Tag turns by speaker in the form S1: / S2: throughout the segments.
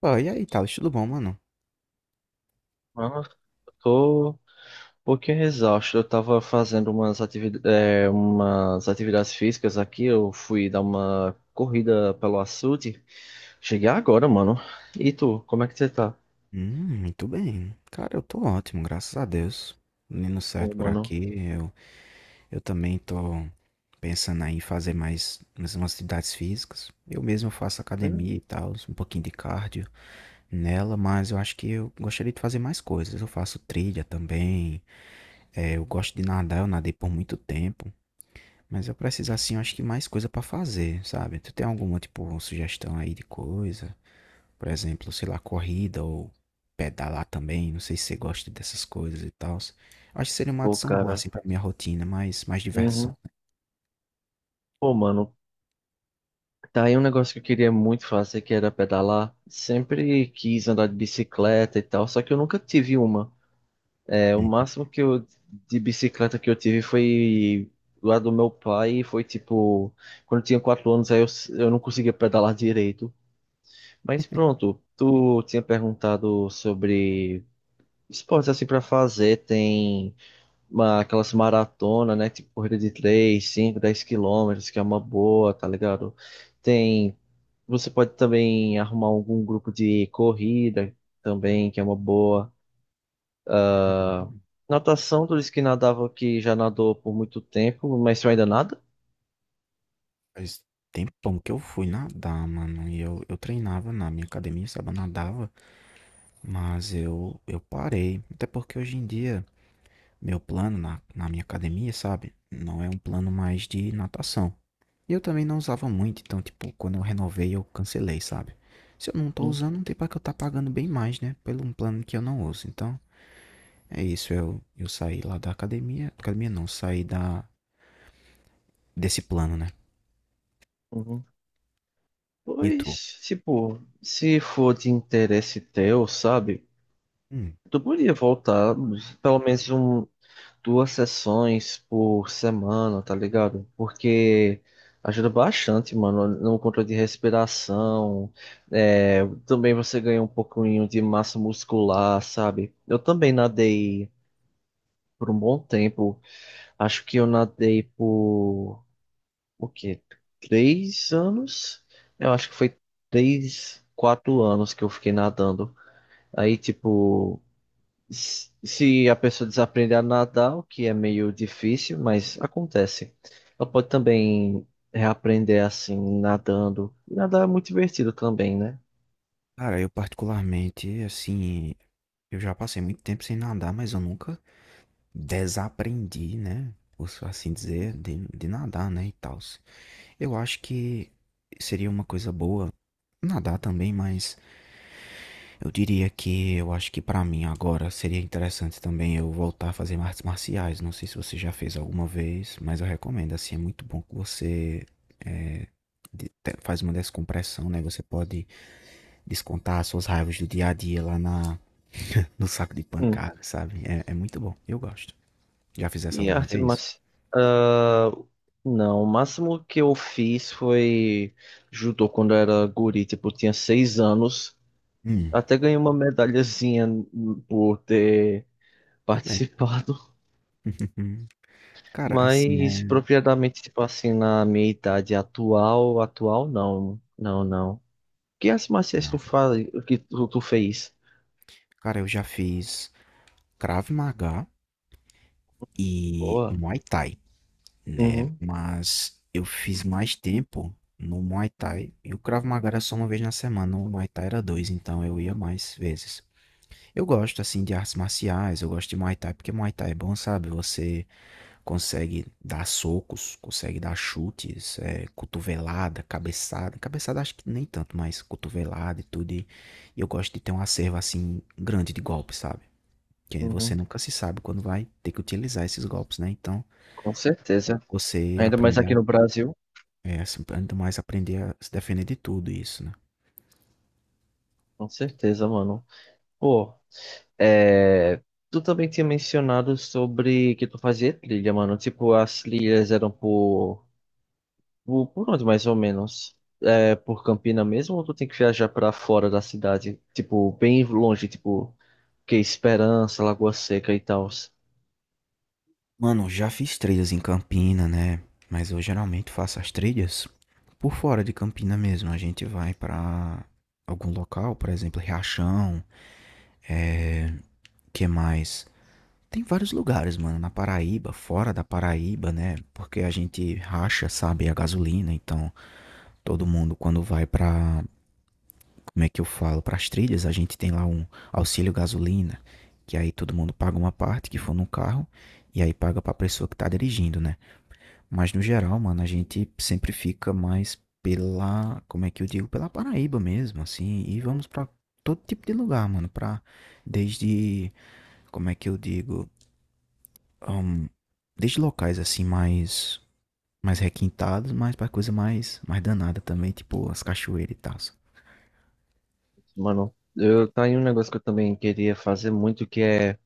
S1: Pô, e aí, Thales, tudo bom, mano?
S2: Nossa, eu tô um pouquinho exausto. Eu tava fazendo umas atividades físicas aqui. Eu fui dar uma corrida pelo açude. Cheguei agora, mano. E tu, como é que você tá?
S1: Muito bem. Cara, eu tô ótimo, graças a Deus. Menino
S2: Pô,
S1: certo por
S2: mano.
S1: aqui. Eu também tô pensando aí em fazer mais umas atividades físicas. Eu mesmo faço
S2: Hum?
S1: academia e tal, um pouquinho de cardio nela, mas eu acho que eu gostaria de fazer mais coisas. Eu faço trilha também. É, eu gosto de nadar, eu nadei por muito tempo. Mas eu preciso, assim, eu acho que mais coisa pra fazer, sabe? Tu tem alguma, tipo, sugestão aí de coisa? Por exemplo, sei lá, corrida ou pedalar também. Não sei se você gosta dessas coisas e tal. Acho que seria uma
S2: Pô,
S1: adição boa,
S2: cara.
S1: assim, pra minha rotina, mas mais diversão.
S2: Uhum. Pô, mano. Tá aí um negócio que eu queria muito fazer, que era pedalar. Sempre quis andar de bicicleta e tal, só que eu nunca tive uma. É, o
S1: Né?
S2: máximo que eu de bicicleta que eu tive foi lá do meu pai, e foi tipo, quando eu tinha 4 anos, eu não conseguia pedalar direito. Mas pronto, tu tinha perguntado sobre esportes assim pra fazer, tem aquelas maratonas, né? Tipo corrida de 3, 5, 10 quilômetros, que é uma boa, tá ligado? Tem, você pode também arrumar algum grupo de corrida também, que é uma boa.
S1: Uhum.
S2: Natação, tu disse que já nadou por muito tempo, mas tu ainda nada?
S1: Faz tempão que eu fui nadar, mano. E eu treinava na minha academia, sabe? Eu nadava, mas eu parei. Até porque hoje em dia, meu plano na minha academia, sabe? Não é um plano mais de natação. E eu também não usava muito, então, tipo, quando eu renovei, eu cancelei, sabe? Se eu não tô
S2: Hum,
S1: usando, não tem pra que eu tá pagando bem mais, né? Pelo um plano que eu não uso. Então, é isso. Eu saí lá da academia. Academia não, saí desse plano, né?
S2: uhum.
S1: E tu?
S2: Pois, tipo, se for de interesse teu, sabe?
S1: Hum,
S2: Tu podia voltar pelo menos 2 sessões por semana, tá ligado? Porque ajuda bastante, mano, no controle de respiração. É, também você ganha um pouquinho de massa muscular, sabe? Eu também nadei por um bom tempo. Acho que eu nadei por o quê? 3 anos? Eu acho que foi 3, 4 anos que eu fiquei nadando. Aí, tipo, se a pessoa desaprender a nadar, o que é meio difícil, mas acontece. Ela pode também reaprender assim, nadando. E nadar é muito divertido também, né?
S1: cara, eu particularmente, assim, eu já passei muito tempo sem nadar, mas eu nunca desaprendi, né? Por assim dizer, de nadar, né? E tal. Eu acho que seria uma coisa boa nadar também, mas eu diria que eu acho que pra mim agora seria interessante também eu voltar a fazer artes marciais. Não sei se você já fez alguma vez, mas eu recomendo. Assim, é muito bom que você é, faz uma descompressão, né? Você pode descontar as suas raivas do dia a dia lá no saco de
S2: Hum.
S1: pancada, sabe? É muito bom. Eu gosto. Já fizesse
S2: E
S1: alguma
S2: arte
S1: vez?
S2: marcial. Não, o máximo que eu fiz foi judô quando eu era guri, tipo, eu tinha 6 anos.
S1: Hum,
S2: Até ganhei uma medalhazinha por ter
S1: tudo bem.
S2: participado,
S1: Cara, assim
S2: mas
S1: é.
S2: propriamente, tipo assim, na minha idade atual, não, não. Que as marciais
S1: Não.
S2: tu faz, tu fez?
S1: Cara, eu já fiz Krav Maga e
S2: Boa.
S1: Muay Thai. Né?
S2: Uhum,
S1: Mas eu fiz mais tempo no Muay Thai. E o Krav Maga era só uma vez na semana, o Muay Thai era dois, então eu ia mais vezes. Eu gosto, assim, de artes marciais, eu gosto de Muay Thai, porque Muay Thai é bom, sabe? Você consegue dar socos, consegue dar chutes, cotovelada, cabeçada. Cabeçada acho que nem tanto, mas cotovelada e tudo. E eu gosto de ter um acervo, assim, grande de golpes, sabe? Que você
S2: uhum,
S1: nunca se sabe quando vai ter que utilizar esses golpes, né? Então,
S2: com certeza.
S1: você
S2: Ainda mais
S1: aprender
S2: aqui no Brasil,
S1: assim, ainda mais aprender a se defender de tudo isso, né?
S2: com certeza, mano. Pô, é... Tu também tinha mencionado sobre que tu fazia trilha, mano. Tipo, as trilhas eram por por onde mais ou menos? É por Campina mesmo ou tu tem que viajar pra fora da cidade? Tipo, bem longe, tipo, que é Esperança, Lagoa Seca e tal.
S1: Mano, já fiz trilhas em Campina, né? Mas eu geralmente faço as trilhas por fora de Campina mesmo. A gente vai pra algum local, por exemplo, Riachão, é... que mais? Tem vários lugares, mano, na Paraíba, fora da Paraíba, né? Porque a gente racha, sabe, a gasolina, então todo mundo quando vai pra como é que eu falo, para as trilhas, a gente tem lá um auxílio gasolina, que aí todo mundo paga uma parte que for no carro e aí paga para a pessoa que tá dirigindo, né? Mas no geral, mano, a gente sempre fica mais pela, como é que eu digo, pela Paraíba mesmo, assim, e vamos para todo tipo de lugar, mano, para desde, como é que eu digo, ahn, desde locais assim mais requintados, mas para coisa mais danada também, tipo as cachoeiras e tal.
S2: Mano, eu tá aí um negócio que eu também queria fazer muito, que é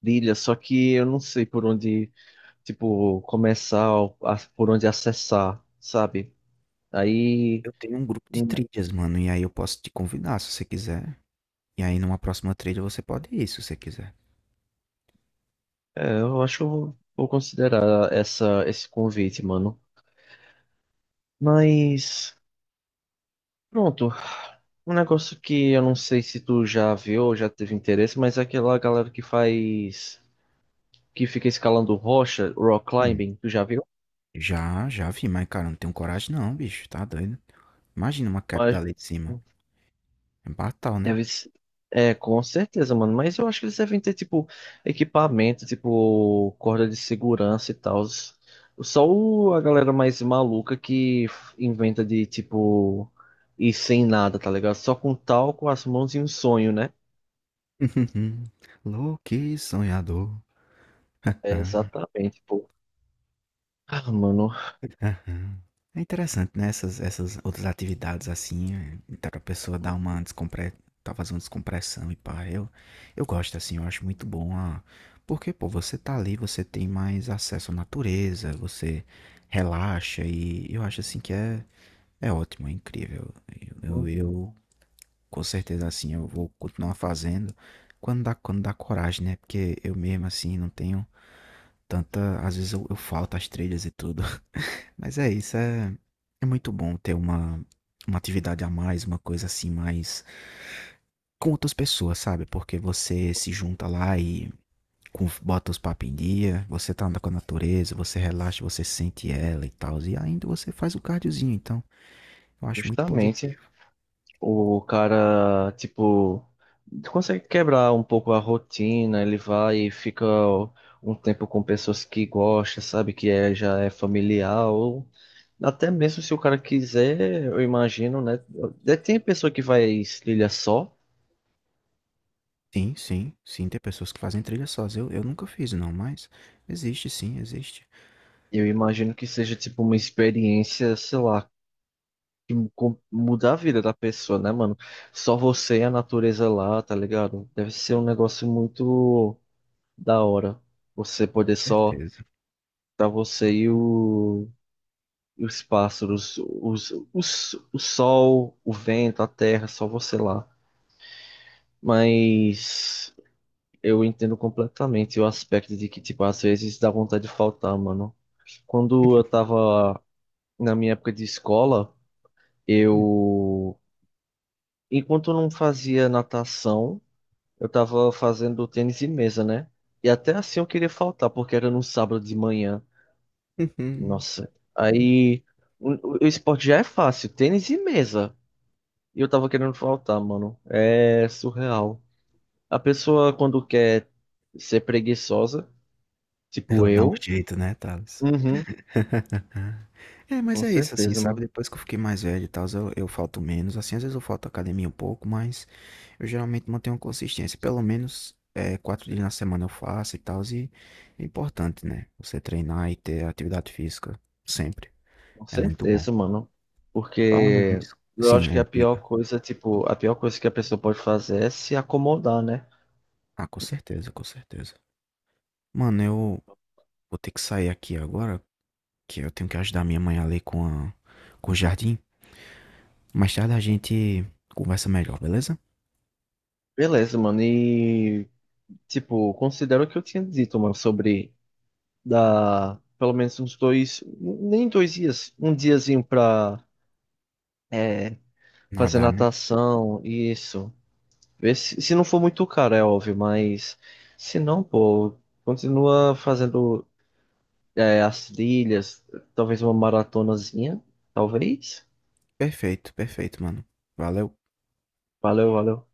S2: trilha, só que eu não sei por onde, tipo, começar, por onde acessar, sabe? Aí,
S1: Eu tenho um grupo de
S2: hum,
S1: trilhas, mano, e aí eu posso te convidar se você quiser. E aí numa próxima trilha você pode ir se você quiser.
S2: eu acho que eu vou, vou considerar esse convite, mano. Mas. Pronto. Um negócio que eu não sei se tu já viu ou já teve interesse, mas é aquela galera que faz, que fica escalando rocha, rock
S1: Hum.
S2: climbing, tu já viu?
S1: Já vi, mas cara, eu não tenho coragem não, bicho, tá doido? Imagina uma queda
S2: Mas
S1: dali de cima. É fatal, né?
S2: deve ser- com certeza, mano. Mas eu acho que eles devem ter, tipo, equipamento, tipo, corda de segurança e tal. Só a galera mais maluca que inventa de, tipo, ir sem nada, tá ligado? Só com tal com as mãos e um sonho, né?
S1: Louco e sonhador.
S2: É, exatamente, pô. Ah, mano.
S1: Aham. É interessante, né, essas outras atividades, assim, dá pra pessoa dar uma descompre tá fazendo descompressão e pá, eu gosto, assim, eu acho muito bom a porque, pô, você tá ali, você tem mais acesso à natureza, você relaxa e eu acho, assim, que é ótimo, é incrível. Eu, com certeza, assim, eu vou continuar fazendo quando dá coragem, né, porque eu mesmo, assim, não tenho tanta às vezes eu falto às trilhas e tudo. Mas é isso, é muito bom ter uma atividade a mais, uma coisa assim mais com outras pessoas, sabe? Porque você se junta lá e bota os papos em dia, você tá andando com a natureza, você relaxa, você sente ela e tal, e ainda você faz o cardiozinho, então eu acho muito
S2: Justamente,
S1: positivo.
S2: o cara, tipo, consegue quebrar um pouco a rotina, ele vai e fica um tempo com pessoas que gosta, sabe, já é familiar, ou até mesmo se o cara quiser, eu imagino, né, até tem pessoa que vai trilha só,
S1: Sim, sim, sim, tem pessoas que fazem trilha sós. Eu nunca fiz, não, mas existe, sim, existe.
S2: eu imagino que seja, tipo, uma experiência, sei lá, que muda a vida da pessoa, né, mano, só você e a natureza lá, tá ligado? Deve ser um negócio muito... da hora. Você poder só
S1: Certeza.
S2: tá você e os pássaros, o sol, o vento, a terra, só você lá. Mas eu entendo completamente o aspecto de que, tipo, às vezes dá vontade de faltar, mano. Quando eu tava na minha época de escola,
S1: Hum.
S2: eu, enquanto eu não fazia natação, eu tava fazendo tênis de mesa, né? E até assim eu queria faltar, porque era no sábado de manhã. Nossa, aí o esporte já é fácil, tênis e mesa. E eu tava querendo faltar, mano. É surreal. A pessoa quando quer ser preguiçosa, tipo
S1: Ela dá um
S2: eu,
S1: jeito, né, Thales?
S2: uhum,
S1: É, mas
S2: com
S1: é isso, assim,
S2: certeza, mano.
S1: sabe? Depois que eu fiquei mais velho e tal, eu falto menos. Assim, às vezes eu falto à academia um pouco, mas eu geralmente mantenho uma consistência. Pelo menos 4 dias na semana eu faço e tal. E é importante, né? Você treinar e ter atividade física sempre.
S2: Com
S1: É muito bom.
S2: certeza, mano.
S1: Falando
S2: Porque
S1: nisso.
S2: eu
S1: Sim,
S2: acho que
S1: é,
S2: a pior
S1: diga.
S2: coisa, tipo, a pior coisa que a pessoa pode fazer é se acomodar, né?
S1: Ah, com certeza, com certeza. Mano, eu vou ter que sair aqui agora, que eu tenho que ajudar minha mãe ali com o jardim. Mais tarde a gente conversa melhor, beleza?
S2: Beleza, mano. E, tipo, considero o que eu tinha dito, mano, sobre dá pelo menos uns dois, nem dois dias, um diazinho pra é, fazer
S1: Nada, né?
S2: natação, isso. Ver se, se não for muito caro, é óbvio, mas se não, pô, continua fazendo as trilhas, talvez uma maratonazinha, talvez.
S1: Perfeito, perfeito, mano. Valeu.
S2: Valeu, valeu.